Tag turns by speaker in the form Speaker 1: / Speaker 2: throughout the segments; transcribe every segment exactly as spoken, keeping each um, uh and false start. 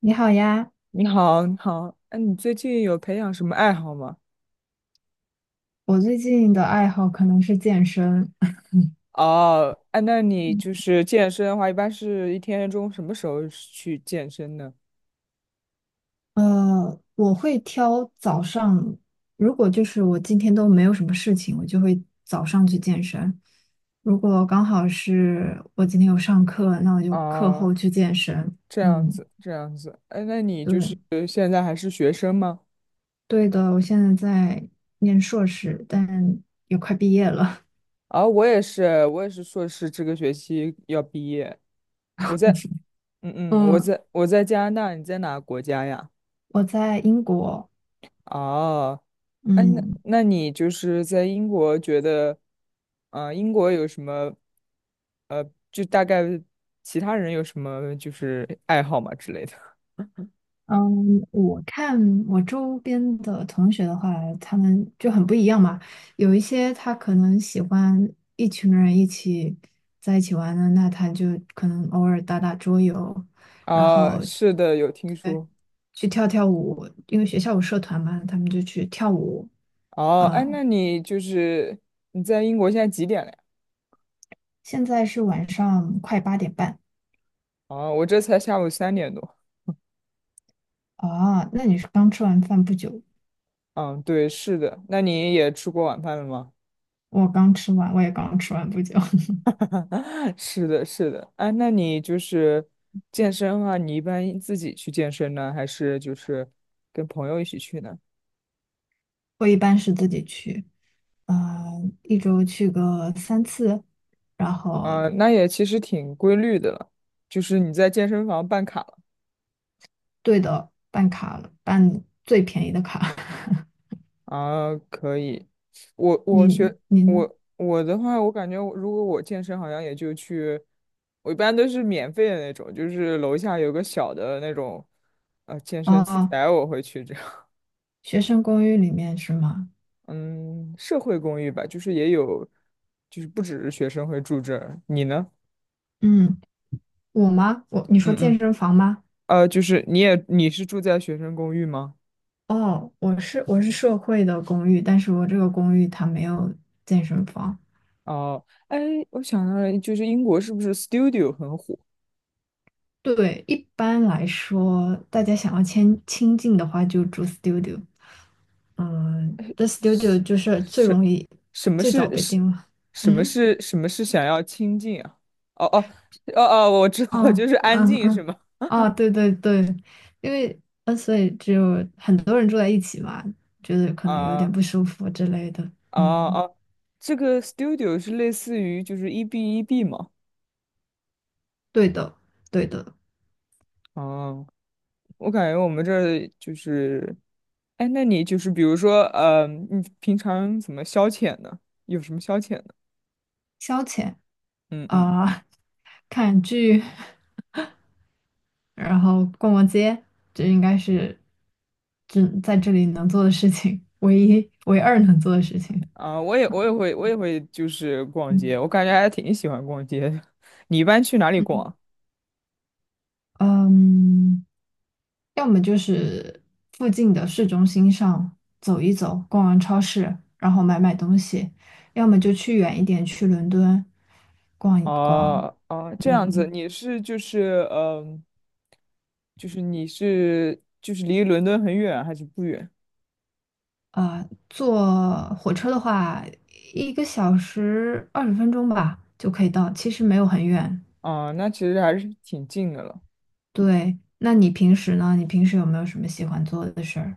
Speaker 1: 你好呀，
Speaker 2: 你好，你好，哎，你最近有培养什么爱好吗？
Speaker 1: 我最近的爱好可能是健身。
Speaker 2: 哦，哎，那你就是健身的话，一般是一天中什么时候去健身呢？
Speaker 1: 呃，我会挑早上，如果就是我今天都没有什么事情，我就会早上去健身。如果刚好是我今天有上课，那我就课
Speaker 2: 哦，
Speaker 1: 后去健身。
Speaker 2: 这样
Speaker 1: 嗯，
Speaker 2: 子，这样子，哎，那你
Speaker 1: 对，
Speaker 2: 就是现在还是学生吗？
Speaker 1: 对的，我现在在念硕士，但也快毕业了。
Speaker 2: 啊、我也是，我也是硕士，这个学期要毕业。我在，嗯嗯，我
Speaker 1: 嗯，
Speaker 2: 在我在加拿大，你在哪个国家呀？
Speaker 1: 我在英国。
Speaker 2: 哦，哎，那
Speaker 1: 嗯。
Speaker 2: 那你就是在英国觉得，啊、英国有什么，呃，就大概其他人有什么就是爱好嘛之类的？
Speaker 1: 嗯，我看我周边的同学的话，他们就很不一样嘛。有一些他可能喜欢一群人一起在一起玩的，那他就可能偶尔打打桌游，然
Speaker 2: 啊、
Speaker 1: 后
Speaker 2: 是的，有听
Speaker 1: 对
Speaker 2: 说。
Speaker 1: 去跳跳舞，因为学校有社团嘛，他们就去跳舞
Speaker 2: 哦，哎，那
Speaker 1: 啊。
Speaker 2: 你就是你在英国现在几点了呀？
Speaker 1: 现在是晚上快八点半
Speaker 2: 哦，我这才下午三点多。
Speaker 1: 啊，那你是刚吃完饭不久？
Speaker 2: 嗯，对，是的。那你也吃过晚饭了吗？
Speaker 1: 我刚吃完，我也刚吃完不久。
Speaker 2: 是的，是的，啊，那你就是健身的话，你一般自己去健身呢，还是就是跟朋友一起去呢？
Speaker 1: 我一般是自己去，嗯，一周去个三次，然后
Speaker 2: 啊，那也其实挺规律的了，就是你在健身房办卡了
Speaker 1: 对的，办卡了，办最便宜的卡。
Speaker 2: 啊，可以。我我
Speaker 1: 你
Speaker 2: 学
Speaker 1: 你呢？
Speaker 2: 我我的话，我感觉我如果我健身，好像也就去，我一般都是免费的那种，就是楼下有个小的那种呃健身器
Speaker 1: 哦，
Speaker 2: 材，我会去这样
Speaker 1: 学生公寓里面是吗？
Speaker 2: 嗯，社会公寓吧，就是也有，就是不只是学生会住这儿。你呢？
Speaker 1: 嗯，我吗？我你说
Speaker 2: 嗯嗯，
Speaker 1: 健身房吗？
Speaker 2: 呃，就是你也你是住在学生公寓吗？
Speaker 1: 哦，我是我是社会的公寓，但是我这个公寓它没有健身房，
Speaker 2: 哦，哎，我想到了，就是英国是不是 studio 很火？
Speaker 1: 对，一般来说，大家想要亲亲近的话，就住 studio。嗯，t h e
Speaker 2: 是
Speaker 1: studio 就是最
Speaker 2: 是，
Speaker 1: 容易、
Speaker 2: 什么
Speaker 1: 最早
Speaker 2: 是
Speaker 1: 被
Speaker 2: 是，
Speaker 1: 定了。
Speaker 2: 什么
Speaker 1: 嗯，
Speaker 2: 是什么是想要清静啊？哦哦哦哦，我知道了，就
Speaker 1: 哦，
Speaker 2: 是安
Speaker 1: 嗯
Speaker 2: 静是
Speaker 1: 嗯，
Speaker 2: 吗？
Speaker 1: 哦，对对对，因为呃，所以只有很多人住在一起嘛，觉得可能有点
Speaker 2: 啊
Speaker 1: 不舒服之类的。
Speaker 2: 啊
Speaker 1: 嗯，
Speaker 2: 啊，这个 studio 是类似于就是 E B E B 吗？
Speaker 1: 对的，对的，
Speaker 2: 哦。我感觉我们这儿就是，哎，那你就是比如说，嗯，你平常怎么消遣呢？有什么消遣呢？
Speaker 1: 消遣
Speaker 2: 嗯嗯，
Speaker 1: 啊，看剧。然后逛逛街，这应该是这在这里能做的事情，唯一唯二能做的事情。
Speaker 2: 啊，我也我也会我也会就是逛
Speaker 1: 嗯
Speaker 2: 街，我感觉还挺喜欢逛街的。你一般去哪里
Speaker 1: 嗯
Speaker 2: 逛？
Speaker 1: 嗯，要么就是附近的市中心上走一走，逛完超市，然后买买东西；要么就去远一点，去伦敦逛一逛。
Speaker 2: 哦哦，这样子，
Speaker 1: 嗯，
Speaker 2: 你是就是嗯、就是你是就是离伦敦很远还是不远？
Speaker 1: 呃，坐火车的话，一个小时二十分钟吧就可以到，其实没有很远。
Speaker 2: 啊，那其实还是挺近的了。
Speaker 1: 对，那你平时呢？你平时有没有什么喜欢做的事儿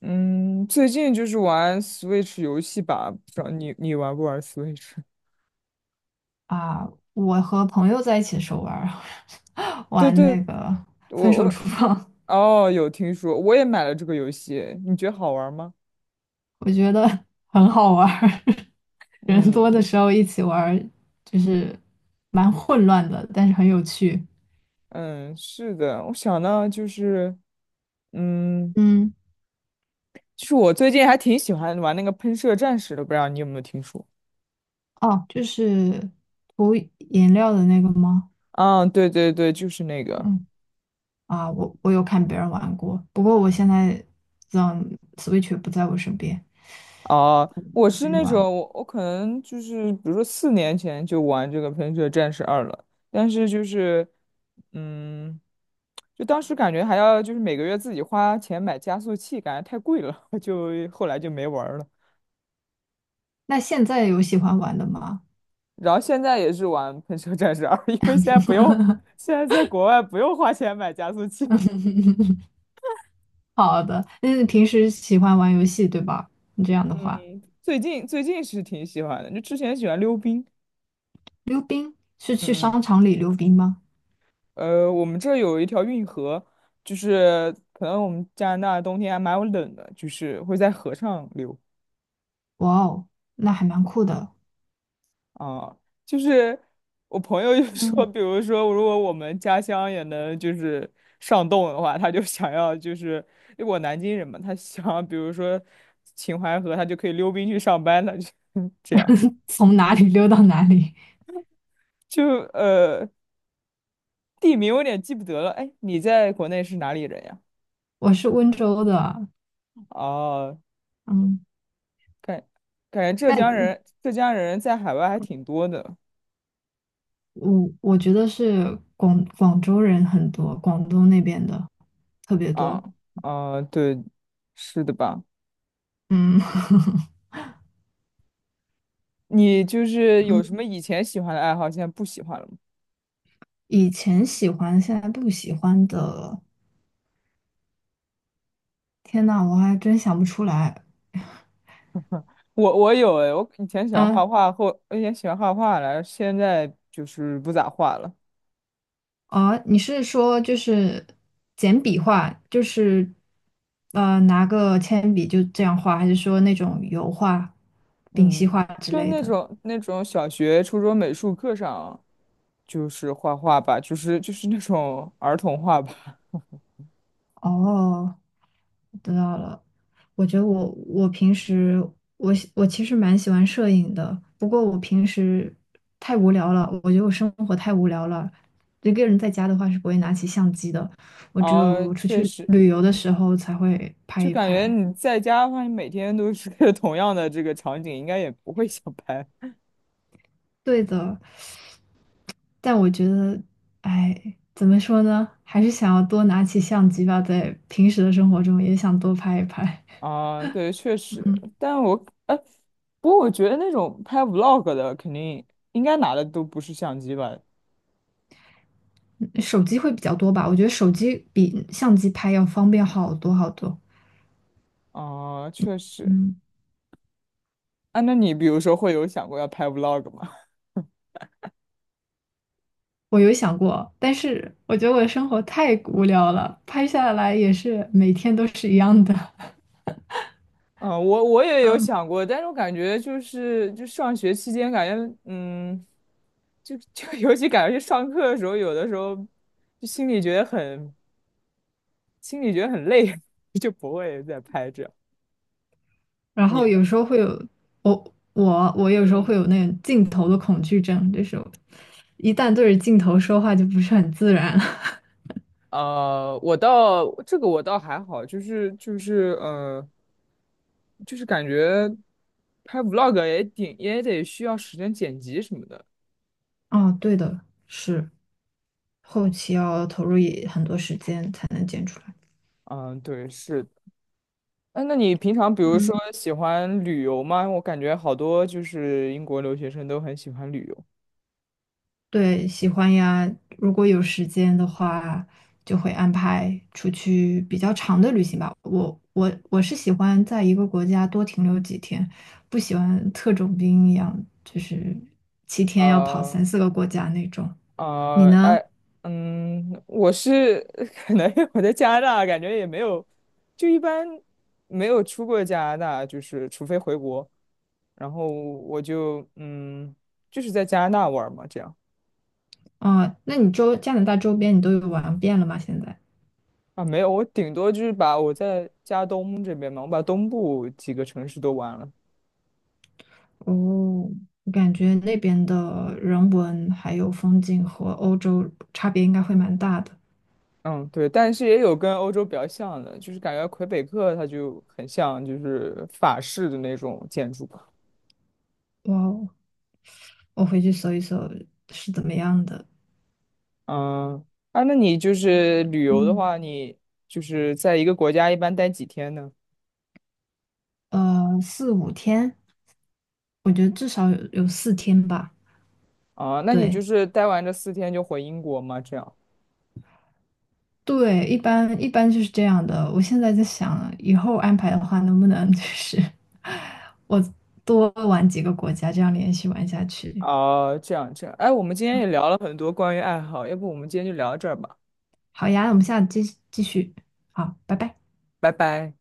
Speaker 2: 嗯，最近就是玩 Switch 游戏吧，不知道你你玩不玩 Switch？
Speaker 1: 啊？我和朋友在一起的时候玩儿，
Speaker 2: 对
Speaker 1: 玩
Speaker 2: 对，
Speaker 1: 那个分
Speaker 2: 我
Speaker 1: 手
Speaker 2: 我
Speaker 1: 厨房，
Speaker 2: 哦有听说，我也买了这个游戏，你觉得好玩吗？
Speaker 1: 我觉得很好玩儿。人
Speaker 2: 嗯
Speaker 1: 多的 时候一起玩儿，就是蛮混乱的，但是很有趣。
Speaker 2: 嗯，是的，我想到就是，嗯，
Speaker 1: 嗯，
Speaker 2: 就是我最近还挺喜欢玩那个喷射战士的，不知道你有没有听说？
Speaker 1: 哦，就是涂颜料的那个吗？
Speaker 2: 啊，对对对，就是那个。
Speaker 1: 嗯，啊，我我有看别人玩过，不过我现在，嗯，Switch 不在我身边，
Speaker 2: 哦，我是
Speaker 1: 没
Speaker 2: 那
Speaker 1: 玩。
Speaker 2: 种我我可能就是比如说四年前就玩这个《喷射战士二》了，但是就是嗯，就当时感觉还要就是每个月自己花钱买加速器，感觉太贵了，就后来就没玩儿了。
Speaker 1: 那现在有喜欢玩的吗？
Speaker 2: 然后现在也是玩《喷射战士二》，因为现在不用，现在在国外不用花钱买加速器。
Speaker 1: 好的，那你平时喜欢玩游戏对吧？你这样的话，
Speaker 2: 嗯，最近最近是挺喜欢的，就之前喜欢溜冰。
Speaker 1: 溜冰是去
Speaker 2: 嗯嗯
Speaker 1: 商场里溜冰吗？
Speaker 2: 呃，我们这有一条运河，就是可能我们加拿大冬天还蛮冷的，就是会在河上流
Speaker 1: 哇哦，那还蛮酷的。
Speaker 2: 啊。就是我朋友就 说，
Speaker 1: 嗯，
Speaker 2: 比如说如果我们家乡也能就是上冻的话，他就想要就是，因为我南京人嘛，他想要比如说秦淮河，他就可以溜冰去上班了，就 这样。
Speaker 1: 从哪里溜到哪里？
Speaker 2: 就呃，地名我有点记不得了。哎，你在国内是哪里人呀？
Speaker 1: 我是温州的，
Speaker 2: 哦、
Speaker 1: 嗯，
Speaker 2: 感感觉浙江
Speaker 1: 但
Speaker 2: 人浙江人在海外还挺多的
Speaker 1: 我我觉得是广广州人很多，广东那边的特别
Speaker 2: 啊
Speaker 1: 多。
Speaker 2: 啊，对，是的吧？
Speaker 1: 嗯
Speaker 2: 你就 是有什么
Speaker 1: 嗯，
Speaker 2: 以前喜欢的爱好，现在不喜欢了吗？
Speaker 1: 以前喜欢，现在不喜欢的，天呐，我还真想不出来。
Speaker 2: 我我有诶，我以前喜欢
Speaker 1: 啊，
Speaker 2: 画画，后我以前喜欢画画来，现在就是不咋画了。
Speaker 1: 哦，你是说就是简笔画，就是呃拿个铅笔就这样画，还是说那种油画、丙烯
Speaker 2: 嗯，
Speaker 1: 画之
Speaker 2: 就
Speaker 1: 类
Speaker 2: 那
Speaker 1: 的？
Speaker 2: 种那种小学、初中美术课上就是画画吧，就是就是那种儿童画吧。
Speaker 1: 哦，知道了。我觉得我我平时我喜我其实蛮喜欢摄影的，不过我平时太无聊了，我觉得我生活太无聊了。一个人在家的话是不会拿起相机的，我只
Speaker 2: 啊，
Speaker 1: 有出
Speaker 2: 确
Speaker 1: 去
Speaker 2: 实，
Speaker 1: 旅游的时候才会拍
Speaker 2: 就
Speaker 1: 一
Speaker 2: 感觉
Speaker 1: 拍。
Speaker 2: 你在家的话，你每天都是 同样的这个场景，应该也不会想拍
Speaker 1: 对的，但我觉得，哎，怎么说呢？还是想要多拿起相机吧，在平时的生活中也想多拍一拍。
Speaker 2: 啊。对，确实，
Speaker 1: 嗯，
Speaker 2: 但我哎，不过我觉得那种拍 vlog 的，肯定应该拿的都不是相机吧？
Speaker 1: 手机会比较多吧？我觉得手机比相机拍要方便好多好多。
Speaker 2: 啊，确实。
Speaker 1: 嗯，
Speaker 2: 啊，那你比如说会有想过要拍 vlog 吗？
Speaker 1: 我有想过，但是我觉得我的生活太无聊了，拍下来也是每天都是一样的。
Speaker 2: 啊，呃我我也有
Speaker 1: 嗯，
Speaker 2: 想过，但是我感觉就是就上学期间，感觉嗯，就就 尤其感觉去上课的时候，有的时候就心里觉得很心里觉得很累，就不会再拍这样。
Speaker 1: 然
Speaker 2: 你
Speaker 1: 后
Speaker 2: 呢？
Speaker 1: 有时候会有我我我
Speaker 2: 嗯
Speaker 1: 有时候
Speaker 2: 嗯。
Speaker 1: 会有那种镜头的恐惧症，就是我一旦对着镜头说话就不是很自然了。
Speaker 2: 呃，我倒这个我倒还好，就是就是呃，就是感觉拍 vlog 也挺也得需要时间剪辑什么的。
Speaker 1: 啊，对的，是后期要投入也很多时间才能剪出来。
Speaker 2: 嗯，对，是的。哎，那你平常比如
Speaker 1: 嗯，
Speaker 2: 说喜欢旅游吗？我感觉好多就是英国留学生都很喜欢旅游。
Speaker 1: 对，喜欢呀。如果有时间的话，就会安排出去比较长的旅行吧。我我我是喜欢在一个国家多停留几天，不喜欢特种兵一样，就是七天要跑
Speaker 2: 啊。
Speaker 1: 三四个国家那种。你
Speaker 2: 啊，
Speaker 1: 呢？
Speaker 2: 哎，嗯，我是 可能因为我在加拿大，感觉也没有，就一般没有出过加拿大，就是除非回国，然后我就嗯，就是在加拿大玩儿嘛，这样
Speaker 1: 哦，那你周加拿大周边你都有玩遍了吗？现在？
Speaker 2: 啊，没有，我顶多就是把我在加东这边嘛，我把东部几个城市都玩了，
Speaker 1: 哦，我感觉那边的人文还有风景和欧洲差别应该会蛮大的。
Speaker 2: 嗯，对，但是也有跟欧洲比较像的，就是感觉魁北克它就很像就是法式的那种建筑。
Speaker 1: 哇哦，我回去搜一搜是怎么样的。
Speaker 2: 嗯，啊，那你就是旅游的
Speaker 1: 嗯，
Speaker 2: 话，你就是在一个国家一般待几天呢？
Speaker 1: 呃，四五天，我觉得至少有有四天吧。
Speaker 2: 啊，那你就
Speaker 1: 对
Speaker 2: 是待完这四天就回英国吗？这样？
Speaker 1: 对，一般一般就是这样的。我现在在想，以后安排的话，能不能就是 我多玩几个国家，这样连续玩下去。
Speaker 2: 啊，这样这样。哎，我们今天也聊了很多关于爱好，要不我们今天就聊到这儿吧，
Speaker 1: 好呀，我们下次继继续。好，拜拜。
Speaker 2: 拜拜。